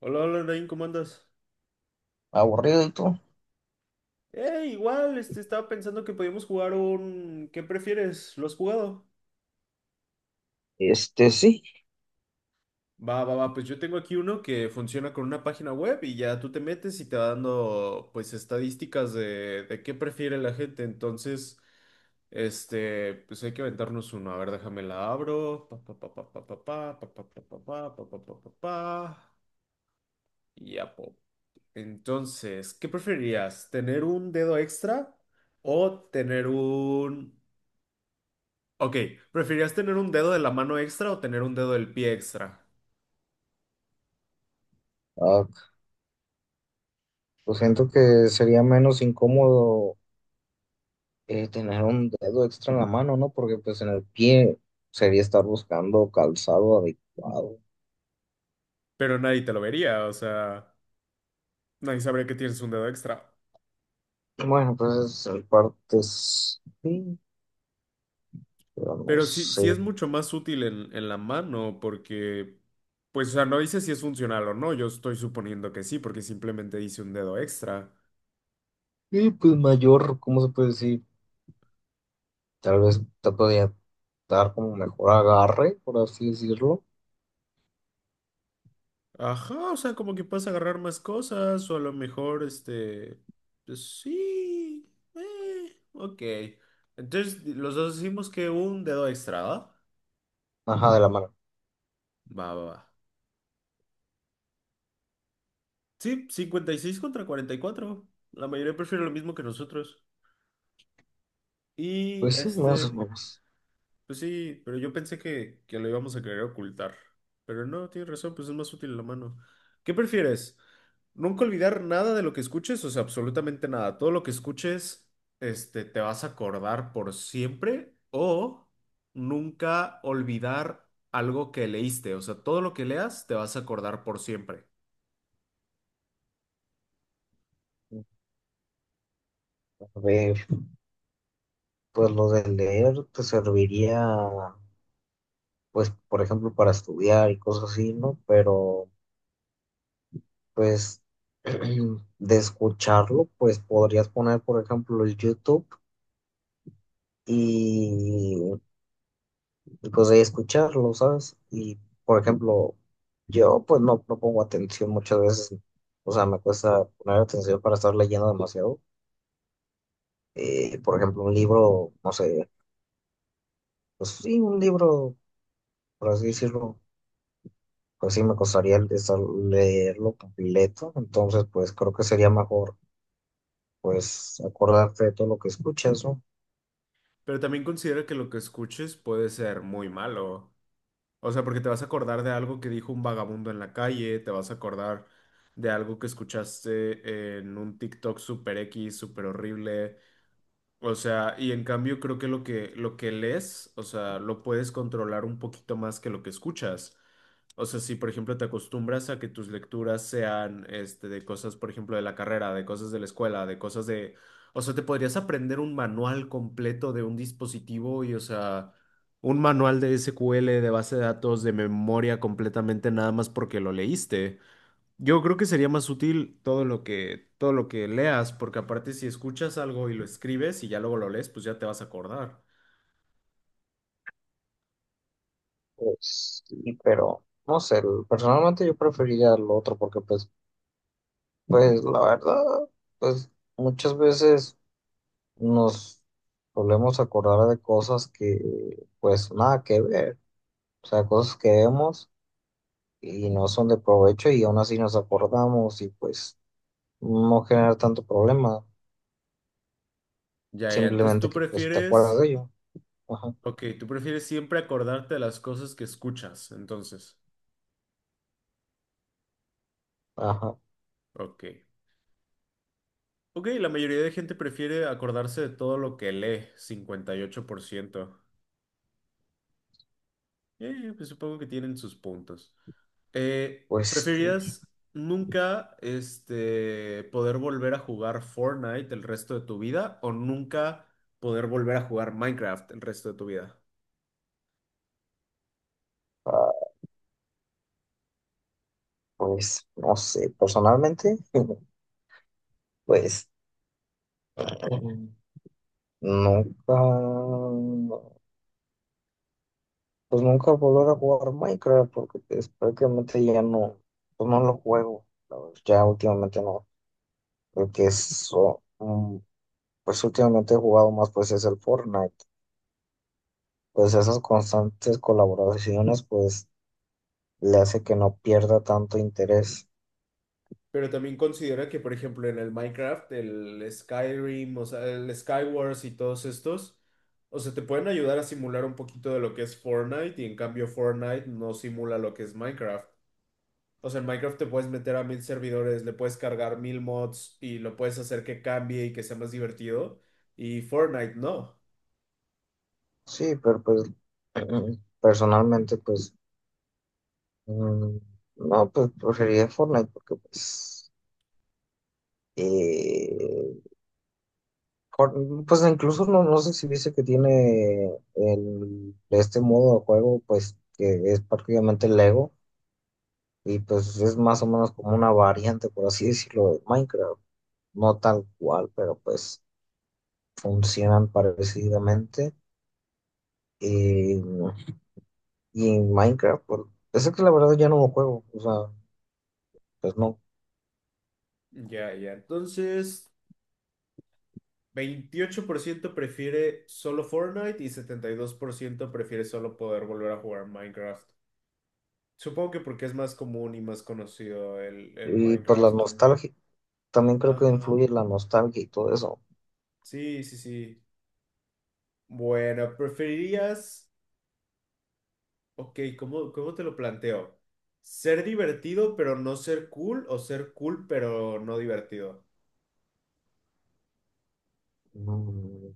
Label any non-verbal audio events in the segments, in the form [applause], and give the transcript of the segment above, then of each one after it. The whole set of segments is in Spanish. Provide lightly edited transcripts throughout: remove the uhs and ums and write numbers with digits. Hola, hola, Nain, ¿cómo andas? Aburrido y todo. Igual, estaba pensando que podíamos jugar un... ¿Qué prefieres? ¿Lo has jugado? Este sí, Va, va, va, pues yo tengo aquí uno que funciona con una página web y ya tú te metes y te va dando, pues, estadísticas de qué prefiere la gente. Entonces, pues hay que aventarnos uno. A ver, déjame la abro. Pa, pa, pa, pa, pa, pa, pa, pa, pa, pa, pa, pa, pa, pa, pa, pa, pa. Y ya, po. Entonces, ¿qué preferirías? ¿Tener un dedo extra o tener un... Ok, ¿preferirías tener un dedo de la mano extra o tener un dedo del pie extra? ah, pues siento que sería menos incómodo tener un dedo extra en la mano, ¿no? Porque pues en el pie sería estar buscando calzado adecuado. Pero nadie te lo vería, o sea, nadie sabría que tienes un dedo extra. Bueno, pues en partes sí, pero no Pero sí, sé. sí es mucho más útil en la mano porque, pues, o sea, no dice si es funcional o no, yo estoy suponiendo que sí, porque simplemente dice un dedo extra. Y pues mayor, ¿cómo se puede decir? Tal vez te podría dar como mejor agarre, por así decirlo. Ajá, o sea, como que puedes agarrar más cosas o a lo mejor, pues sí, ok. Entonces, los dos decimos que un dedo extra, ¿va? Ajá, de la mano. Va, va, va. Sí, 56 contra 44. La mayoría prefiere lo mismo que nosotros. Y Pues sí, más o menos. pues sí, pero yo pensé que lo íbamos a querer ocultar. Pero no, tienes razón, pues es más útil la mano. ¿Qué prefieres? Nunca olvidar nada de lo que escuches, o sea, absolutamente nada. Todo lo que escuches, te vas a acordar por siempre o nunca olvidar algo que leíste, o sea, todo lo que leas te vas a acordar por siempre. A ver, pues lo de leer te serviría pues, por ejemplo, para estudiar y cosas así, ¿no? Pero, pues, [clears throat] de escucharlo, pues podrías poner, por ejemplo, el YouTube y, y pues ahí escucharlo, ¿sabes? Y, por ejemplo, yo pues no pongo atención muchas veces, o sea, me cuesta poner atención para estar leyendo demasiado. Por ejemplo, un libro, no sé, pues sí, un libro, por así decirlo, pues sí, me costaría leerlo completo. Entonces pues creo que sería mejor pues acordarte de todo lo que escuchas, ¿no? Pero también considera que lo que escuches puede ser muy malo. O sea, porque te vas a acordar de algo que dijo un vagabundo en la calle, te vas a acordar de algo que escuchaste en un TikTok super X, super horrible. O sea, y en cambio creo que lo que lees, o sea, lo puedes controlar un poquito más que lo que escuchas. O sea, si por ejemplo te acostumbras a que tus lecturas sean de cosas, por ejemplo, de la carrera, de cosas de la escuela, de cosas de, o sea, te podrías aprender un manual completo de un dispositivo y, o sea, un manual de SQL, de base de datos, de memoria completamente nada más porque lo leíste. Yo creo que sería más útil todo lo que leas, porque aparte si escuchas algo y lo escribes y ya luego lo lees, pues ya te vas a acordar. Pues sí, pero no sé, personalmente yo preferiría lo otro porque pues, pues la verdad, pues muchas veces nos solemos acordar de cosas que pues nada que ver, o sea, cosas que vemos y no son de provecho y aún así nos acordamos y pues no genera tanto problema, Ya, ya. Entonces simplemente tú que pues te acuerdas prefieres, de ello. Ajá, ok, tú prefieres siempre acordarte de las cosas que escuchas, entonces, ajá, ok. Ok, la mayoría de gente prefiere acordarse de todo lo que lee, 58%. Pues supongo que tienen sus puntos. Pues sí, ¿Preferirías nunca poder volver a jugar Fortnite el resto de tu vida o nunca poder volver a jugar Minecraft el resto de tu vida? ah, pues no sé, personalmente. [laughs] Pues mm, nunca, pues nunca volver a jugar Minecraft porque pues, prácticamente ya no, pues no lo juego. La verdad, ya últimamente no, porque eso, pues últimamente he jugado más pues es el Fortnite. Pues esas constantes colaboraciones pues le hace que no pierda tanto interés. Pero también considera que, por ejemplo, en el Minecraft, el Skyrim, o sea, el Skywars y todos estos, o sea, te pueden ayudar a simular un poquito de lo que es Fortnite y en cambio Fortnite no simula lo que es Minecraft. O sea, en Minecraft te puedes meter a mil servidores, le puedes cargar mil mods y lo puedes hacer que cambie y que sea más divertido. Y Fortnite no. Sí, pero pues [clears throat] personalmente pues mm, no, pues preferiría Fortnite porque pues... eh, Cor- Pues incluso no sé si dice que tiene el, este modo de juego, pues que es prácticamente Lego y pues es más o menos como una variante, por así decirlo, de Minecraft. No tal cual, pero pues funcionan parecidamente. Y, y en Minecraft, pues, es que la verdad ya no lo juego, o sea, pues no. Ya, ya. Entonces, 28% prefiere solo Fortnite y 72% prefiere solo poder volver a jugar Minecraft. Supongo que porque es más común y más conocido el Y pues la Minecraft. nostalgia, también creo que Ajá. influye la nostalgia y todo eso. Sí, sí, sí. Bueno, ¿preferirías... Ok, ¿cómo, cómo te lo planteo? ¿Ser divertido pero no ser cool o ser cool pero no divertido? Mm.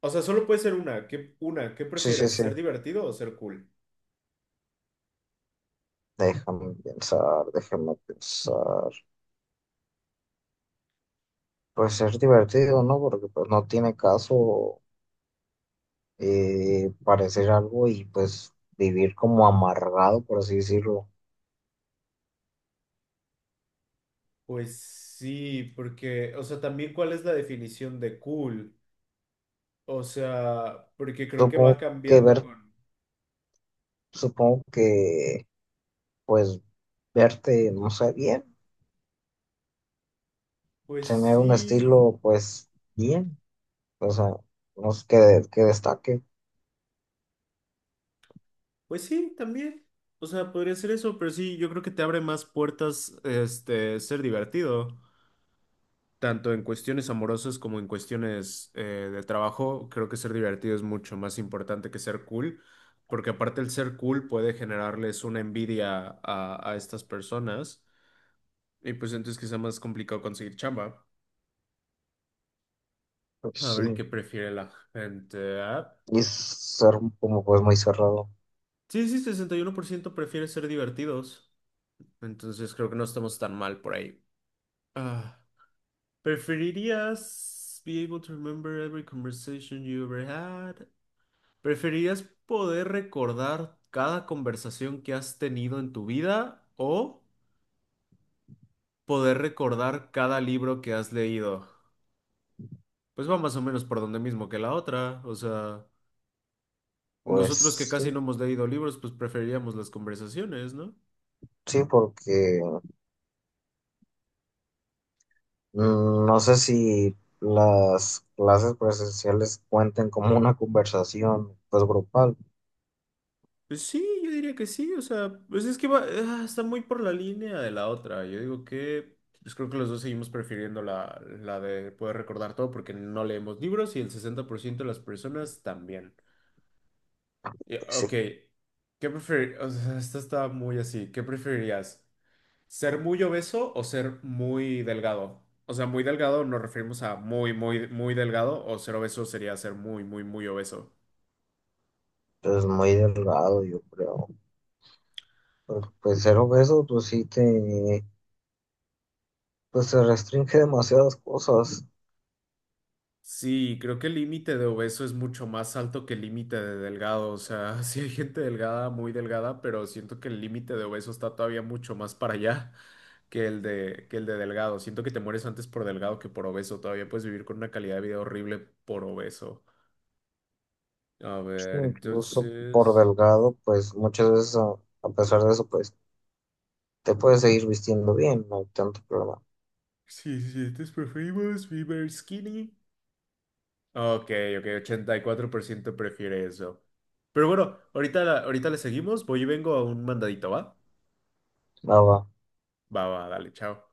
O sea, solo puede ser una. ¿Qué, una, ¿qué Sí, sí, prefieres? sí. ¿Ser divertido o ser cool? Déjame pensar, déjame pensar. Pues es divertido, ¿no? Porque pues no tiene caso parecer algo y pues vivir como amargado, por así decirlo. Pues sí, porque, o sea, también cuál es la definición de cool. O sea, porque creo que va Supongo que cambiando ver, con... supongo que pues verte, no sé, bien, Pues tener un sí, estilo pues bien, o sea, no es que destaque, pues sí, también. O sea, podría ser eso, pero sí, yo creo que te abre más puertas, ser divertido. Tanto en cuestiones amorosas como en cuestiones de trabajo, creo que ser divertido es mucho más importante que ser cool, porque aparte el ser cool puede generarles una envidia a estas personas y pues entonces quizá más complicado conseguir chamba. pues A ver sí, qué prefiere la gente. Ah, y ser como pues muy cerrado, sí, sí, 61% prefiere ser divertidos, entonces creo que no estamos tan mal por ahí. Ah, ¿preferirías be able to remember every conversation you ever had? ¿Preferirías poder recordar cada conversación que has tenido en tu vida o poder recordar cada libro que has leído? Pues va más o menos por donde mismo que la otra. O sea, pues nosotros que casi no sí, hemos leído libros, pues preferiríamos las conversaciones, ¿no? sí, porque... Mm, no sé si las clases presenciales cuenten como una conversación, pues grupal, Pues sí, yo diría que sí. O sea, pues es que va, ah, está muy por la línea de la otra. Yo digo que, pues creo que los dos seguimos prefiriendo la de poder recordar todo porque no leemos libros y el 60% de las personas también. Pues sí, Ok, ¿qué preferir? O sea, esta está muy así. ¿Qué preferirías? ¿Ser muy obeso o ser muy delgado? O sea, muy delgado nos referimos a muy, muy, muy delgado o ser obeso sería ser muy, muy, muy obeso. es muy delgado, yo creo. Pero, pues ser obeso, pues sí te, pues se restringe demasiadas cosas, Sí, creo que el límite de obeso es mucho más alto que el límite de delgado. O sea, [laughs] sí hay gente delgada, muy delgada, pero siento que el límite de obeso está todavía mucho más para allá [laughs] que el de delgado. Siento que te mueres antes por delgado que por obeso. Todavía puedes vivir con una calidad de vida horrible por obeso. A ver, incluso por entonces. delgado, pues muchas veces a pesar de eso, pues te puedes seguir vistiendo bien, no hay tanto problema. Sí, sí, estos preferimos Fever Skinny. Ok, ok, 84% prefiere eso. Pero bueno, ahorita, ahorita le seguimos. Voy y vengo a un mandadito, ¿va? Nada, Va, va, dale, chao.